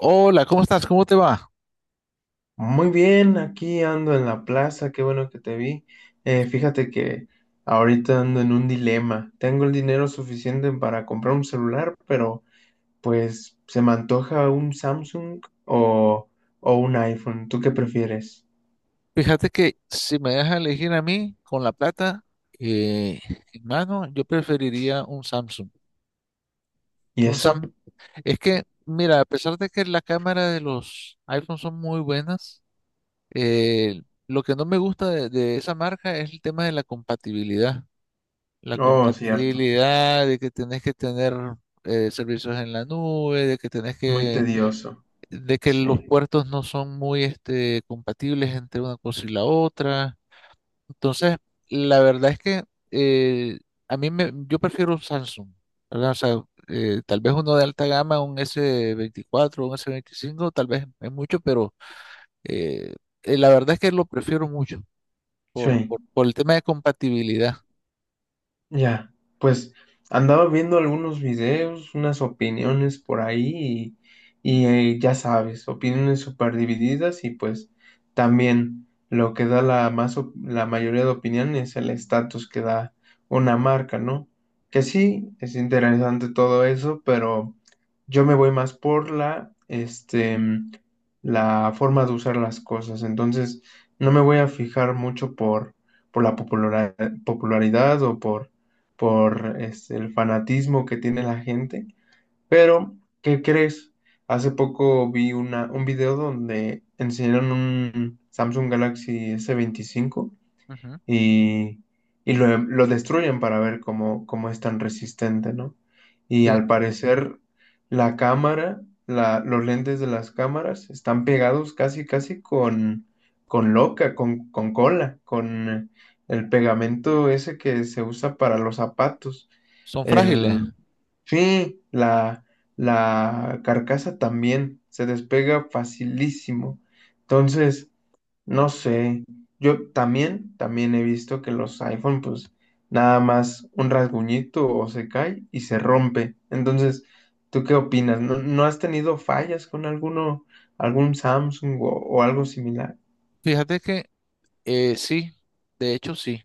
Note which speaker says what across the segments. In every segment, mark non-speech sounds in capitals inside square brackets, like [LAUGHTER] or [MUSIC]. Speaker 1: Hola, ¿cómo estás? ¿Cómo te va?
Speaker 2: Muy bien, aquí ando en la plaza, qué bueno que te vi. Fíjate que ahorita ando en un dilema. Tengo el dinero suficiente para comprar un celular, pero pues se me antoja un Samsung o un iPhone. ¿Tú qué prefieres?
Speaker 1: Fíjate que si me dejas elegir a mí con la plata eh, en mano, yo preferiría un Samsung.
Speaker 2: ¿Y
Speaker 1: Un
Speaker 2: eso?
Speaker 1: Sam Es que, mira, a pesar de que la cámara de los iPhones son muy buenas, lo que no me gusta de esa marca es el tema de la compatibilidad. La
Speaker 2: Oh, cierto.
Speaker 1: compatibilidad de que tenés que tener, servicios en la nube,
Speaker 2: Muy tedioso.
Speaker 1: de que los
Speaker 2: Sí,
Speaker 1: puertos no son muy compatibles entre una cosa y la otra. Entonces, la verdad es que, eh, yo prefiero un Samsung, ¿verdad? O sea, tal vez uno de alta gama, un s veinticuatro un s veinticinco tal vez es mucho, pero eh, la verdad es que lo prefiero mucho
Speaker 2: sí.
Speaker 1: por el tema de compatibilidad.
Speaker 2: Ya, pues andaba viendo algunos videos, unas opiniones por ahí y ya sabes, opiniones súper divididas y pues también lo que da la, más, la mayoría de opiniones es el estatus que da una marca, ¿no? Que sí, es interesante todo eso, pero yo me voy más por la, este, la forma de usar las cosas, entonces no me voy a fijar mucho por la popularidad popularidad o por este, el fanatismo que tiene la gente. Pero, ¿qué crees? Hace poco vi un video donde enseñaron un Samsung Galaxy S25
Speaker 1: Ujú,
Speaker 2: y, y lo destruyen para ver cómo es tan resistente, ¿no? Y
Speaker 1: sí.
Speaker 2: al parecer la cámara, los lentes de las cámaras están pegados casi con cola, con el pegamento ese que se usa para los zapatos.
Speaker 1: Son frágiles.
Speaker 2: El, Mm. Sí, la carcasa también se despega facilísimo. Entonces, no sé, yo también, también he visto que los iPhone, pues nada más un rasguñito o se cae y se rompe. Entonces, ¿tú qué opinas? ¿No, no has tenido fallas con alguno, algún Samsung o algo similar?
Speaker 1: Fíjate que, sí, de hecho sí.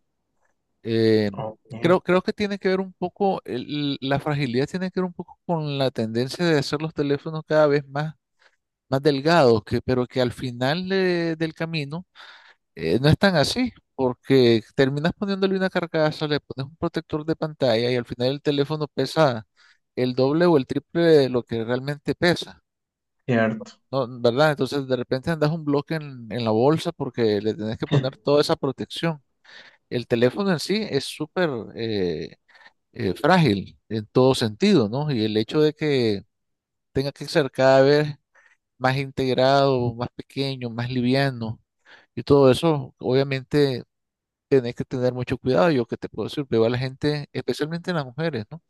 Speaker 1: Eh,
Speaker 2: Ok,
Speaker 1: creo que tiene que ver un poco, la fragilidad tiene que ver un poco con la tendencia de hacer los teléfonos cada vez más delgados, que, pero que al final del camino, no están así, porque terminas poniéndole una carcasa, le pones un protector de pantalla y al final el teléfono pesa el doble o el triple de lo que realmente pesa,
Speaker 2: cierto,
Speaker 1: ¿no? ¿Verdad? Entonces de repente andas un bloque en la bolsa porque le tenés que poner toda esa protección. El teléfono en sí es súper eh, frágil en todo sentido, ¿no? Y el hecho de que tenga que ser cada vez más integrado, más pequeño, más liviano y todo eso, obviamente tenés que tener mucho cuidado. Yo que te puedo decir, veo a la gente, especialmente las mujeres, ¿no?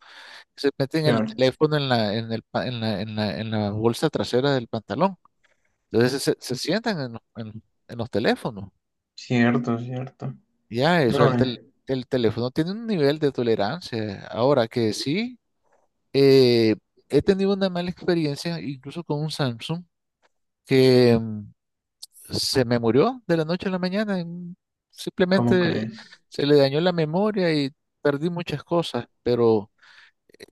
Speaker 1: Que se meten el
Speaker 2: cierto,
Speaker 1: teléfono en la, en el, pa- en la, en la, en la bolsa trasera del pantalón. Entonces se sientan en los teléfonos.
Speaker 2: cierto, cierto.
Speaker 1: Ya, eso,
Speaker 2: No,
Speaker 1: el teléfono tiene un nivel de tolerancia. Ahora que sí, eh, he tenido una mala experiencia, incluso con un Samsung, que, se me murió de la noche a la mañana.
Speaker 2: ¿cómo
Speaker 1: Simplemente
Speaker 2: crees?
Speaker 1: se le dañó la memoria y perdí muchas cosas, pero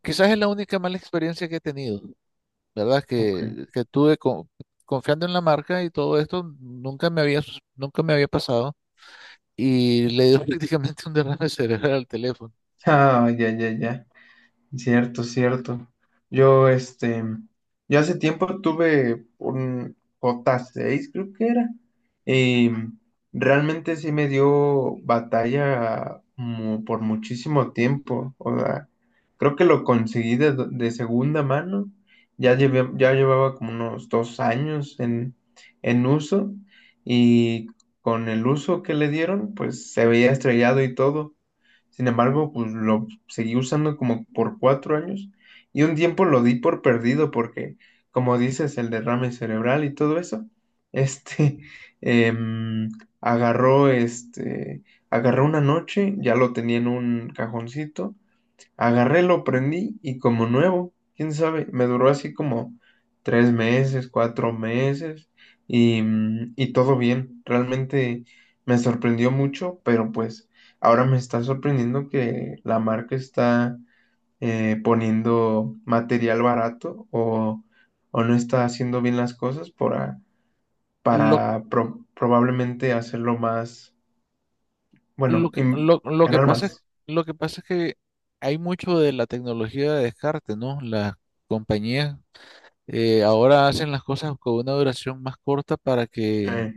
Speaker 1: quizás es la única mala experiencia que he tenido, ¿verdad?
Speaker 2: Ok.
Speaker 1: Que,
Speaker 2: [LAUGHS]
Speaker 1: que tuve confiando en la marca y todo esto, nunca me había pasado y le dio [LAUGHS] prácticamente un derrame cerebral al teléfono.
Speaker 2: Ah, ya, ya, ya. Cierto, cierto. Yo, este, yo hace tiempo tuve un J6, creo que era, y realmente sí me dio batalla por muchísimo tiempo. O sea, creo que lo conseguí de segunda mano. Ya llevaba como unos 2 años en uso, y con el uso que le dieron, pues se veía estrellado y todo. Sin embargo, pues lo seguí usando como por 4 años y un tiempo lo di por perdido porque, como dices, el derrame cerebral y todo eso, este, [LAUGHS] em, agarró, este, agarró una noche, ya lo tenía en un cajoncito. Agarré, lo prendí y como nuevo, quién sabe, me duró así como 3 meses, 4 meses y y todo bien. Realmente me sorprendió mucho, pero pues ahora me está sorprendiendo que la marca está poniendo material o no está haciendo bien las cosas
Speaker 1: Lo,
Speaker 2: para probablemente hacerlo más, bueno,
Speaker 1: lo que, lo, lo que
Speaker 2: ganar
Speaker 1: pasa es,
Speaker 2: más.
Speaker 1: lo que pasa es que hay mucho de la tecnología de descarte, ¿no? Las compañías, ahora hacen las cosas con una duración más corta para
Speaker 2: Sí,
Speaker 1: que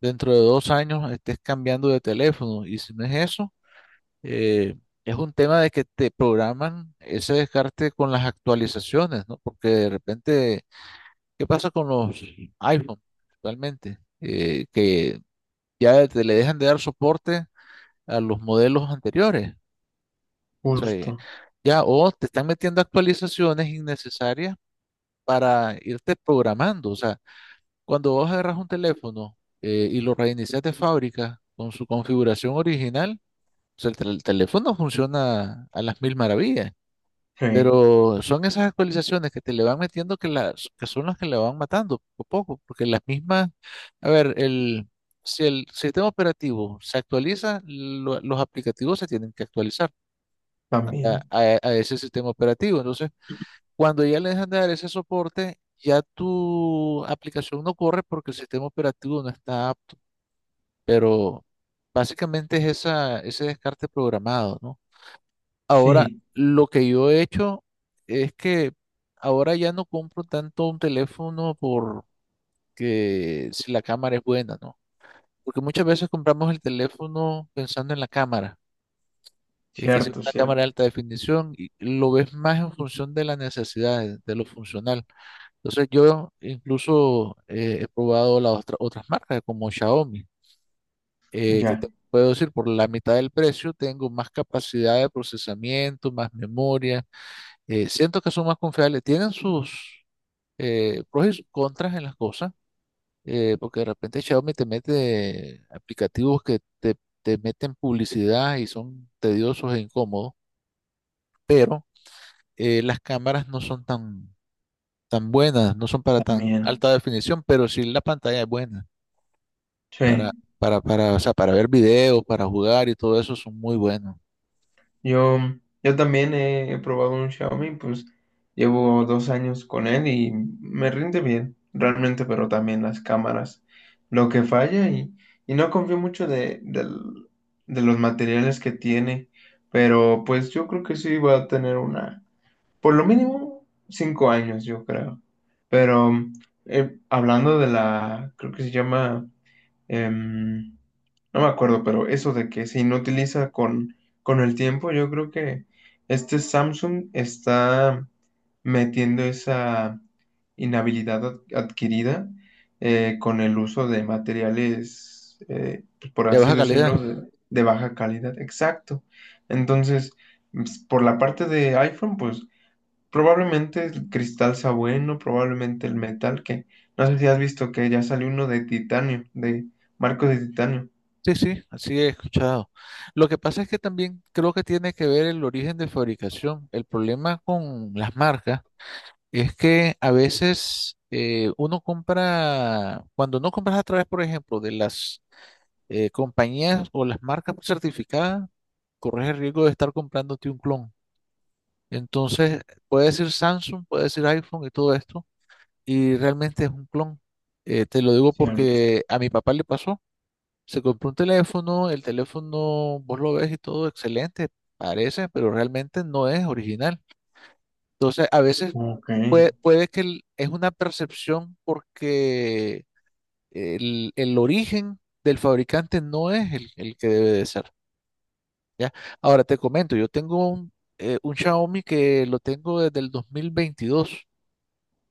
Speaker 1: dentro de 2 años estés cambiando de teléfono. Y si no es eso, eh, es un tema de que te programan ese descarte con las actualizaciones, ¿no? Porque de repente, ¿qué pasa con los iPhone actualmente? Que ya te le dejan de dar soporte a los modelos anteriores. O sea,
Speaker 2: justo.
Speaker 1: ya, o te están metiendo actualizaciones innecesarias para irte programando. O sea. Cuando vos agarras un teléfono, y lo reinicias de fábrica con su configuración original, o sea, el teléfono funciona a las mil maravillas,
Speaker 2: Sí,
Speaker 1: pero son esas actualizaciones que te le van metiendo que son las que le van matando poco a poco, porque las mismas, a ver, si el sistema operativo se actualiza, los aplicativos se tienen que actualizar
Speaker 2: también.
Speaker 1: a ese sistema operativo. Entonces, cuando ya le dejan de dar ese soporte, ya tu aplicación no corre porque el sistema operativo no está apto. Pero básicamente es esa, ese descarte programado, ¿no? Ahora,
Speaker 2: Sí.
Speaker 1: lo que yo he hecho es que ahora ya no compro tanto un teléfono porque si la cámara es buena, ¿no? Porque muchas veces compramos el teléfono pensando en la cámara, y que sea
Speaker 2: Cierto,
Speaker 1: una cámara de
Speaker 2: cierto.
Speaker 1: alta definición, y lo ves más en función de las necesidades, de lo funcional. Entonces yo incluso, he probado las otras marcas, como Xiaomi, que te
Speaker 2: Ya,
Speaker 1: puedo decir, por la mitad del precio tengo más capacidad de procesamiento, más memoria, siento que son más confiables, tienen sus pros y sus contras en las cosas, porque de repente Xiaomi te mete aplicativos que te meten publicidad y son tediosos e incómodos, pero las cámaras no son tan, tan buenas, no son para tan
Speaker 2: también.
Speaker 1: alta definición, pero sí la pantalla es buena. Para,
Speaker 2: Sí,
Speaker 1: o sea, para ver videos, para jugar y todo eso son muy buenos.
Speaker 2: yo, yo también he probado un Xiaomi, pues llevo 2 años con él y me rinde bien, realmente, pero también las cámaras, lo que falla y no confío mucho de los materiales que tiene, pero pues yo creo que sí va a tener una, por lo mínimo, 5 años, yo creo. Pero hablando de la, creo que se llama... em, no me acuerdo, pero eso de que se inutiliza con el tiempo, yo creo que este Samsung está metiendo esa inhabilidad adquirida con el uso de materiales, pues, por
Speaker 1: De
Speaker 2: así
Speaker 1: baja calidad.
Speaker 2: decirlo, de baja calidad. Exacto. Entonces, por la parte de iPhone, pues probablemente el cristal sea bueno, probablemente el metal, que no sé si has visto que ya salió uno de titanio, de marcos de titanio.
Speaker 1: Sí, sí, así he escuchado. Lo que pasa es que también creo que tiene que ver el origen de fabricación. El problema con las marcas es que a veces, uno compra, cuando no compras a través, por ejemplo, de las, compañías o las marcas certificadas, corres el riesgo de estar comprándote un clon. Entonces, puede ser Samsung, puede ser iPhone y todo esto y realmente es un clon. Te lo digo
Speaker 2: Cierto.
Speaker 1: porque a mi papá le pasó. Se compró un teléfono, el teléfono vos lo ves y todo excelente, parece, pero realmente no es original. Entonces, a veces
Speaker 2: Ok,
Speaker 1: puede es una percepción porque el origen del fabricante no es el que debe de ser, ¿ya? Ahora te comento, yo tengo un Xiaomi que lo tengo desde el 2022.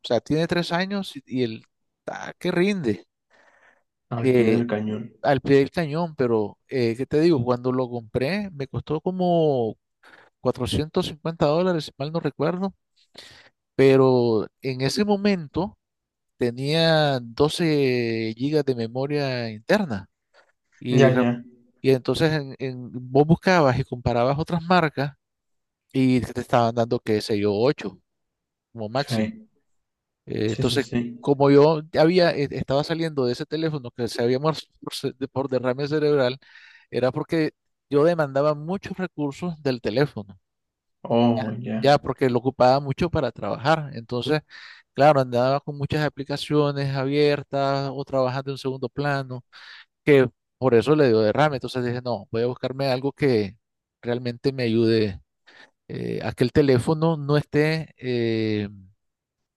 Speaker 1: O sea, tiene 3 años y que rinde.
Speaker 2: al pie
Speaker 1: Eh,
Speaker 2: del cañón.
Speaker 1: Al pie del cañón, pero, ¿qué te digo? Cuando lo compré me costó como $450, si mal no recuerdo, pero en ese momento tenía 12 gigas de memoria interna
Speaker 2: Ya,
Speaker 1: y, re-
Speaker 2: ya.
Speaker 1: y entonces vos buscabas y comparabas otras marcas y te estaban dando, qué sé yo, 8 como máximo.
Speaker 2: Sí, sí, sí,
Speaker 1: Entonces,
Speaker 2: sí.
Speaker 1: como estaba saliendo de ese teléfono que se había muerto por derrame cerebral, era porque yo demandaba muchos recursos del teléfono, ya,
Speaker 2: Oh, ya.
Speaker 1: ya, porque lo ocupaba mucho para trabajar. Entonces, claro, andaba con muchas aplicaciones abiertas o trabajando en segundo plano, que por eso le dio derrame. Entonces dije, no, voy a buscarme algo que realmente me ayude, a que el teléfono no esté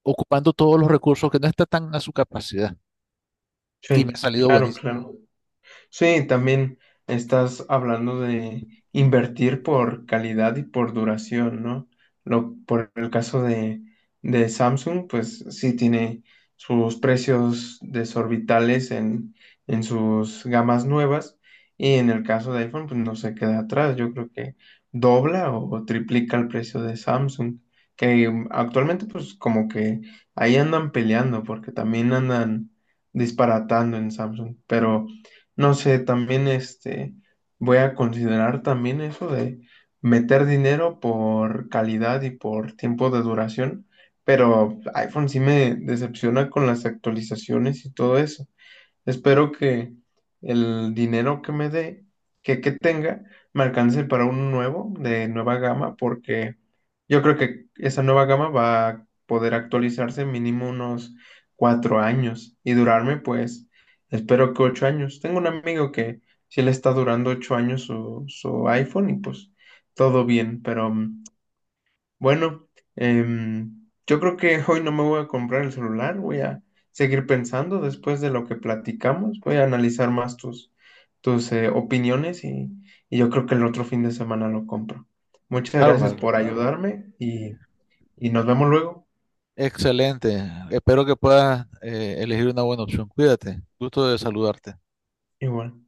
Speaker 1: ocupando todos los recursos que no está tan a su capacidad. Y me ha
Speaker 2: Sí,
Speaker 1: salido
Speaker 2: claro,
Speaker 1: buenísimo.
Speaker 2: claro. Sí, también estás hablando de invertir por calidad y por duración, ¿no? Por el caso de Samsung, pues sí tiene sus precios desorbitales en sus gamas nuevas y en el caso de iPhone, pues no se queda atrás. Yo creo que dobla o triplica el precio de Samsung, que actualmente pues como que ahí andan peleando porque también andan disparatando en Samsung, pero... No sé, también este, voy a considerar también eso de meter dinero por calidad y por tiempo de duración, pero iPhone sí me decepciona con las actualizaciones y todo eso. Espero que el dinero que me dé, que tenga, me alcance para uno nuevo, de nueva gama, porque yo creo que esa nueva gama va a poder actualizarse mínimo unos 4 años y durarme, pues, espero que 8 años. Tengo un amigo que sí le está durando 8 años su, su iPhone y pues todo bien, pero bueno, yo creo que hoy no me voy a comprar el celular, voy a seguir pensando después de lo que platicamos, voy a analizar más tus, tus opiniones y yo creo que el otro fin de semana lo compro. Muchas gracias
Speaker 1: Bárbaro.
Speaker 2: por ayudarme y nos vemos luego.
Speaker 1: Excelente. Espero que puedas, elegir una buena opción. Cuídate. Gusto de saludarte.
Speaker 2: Igual.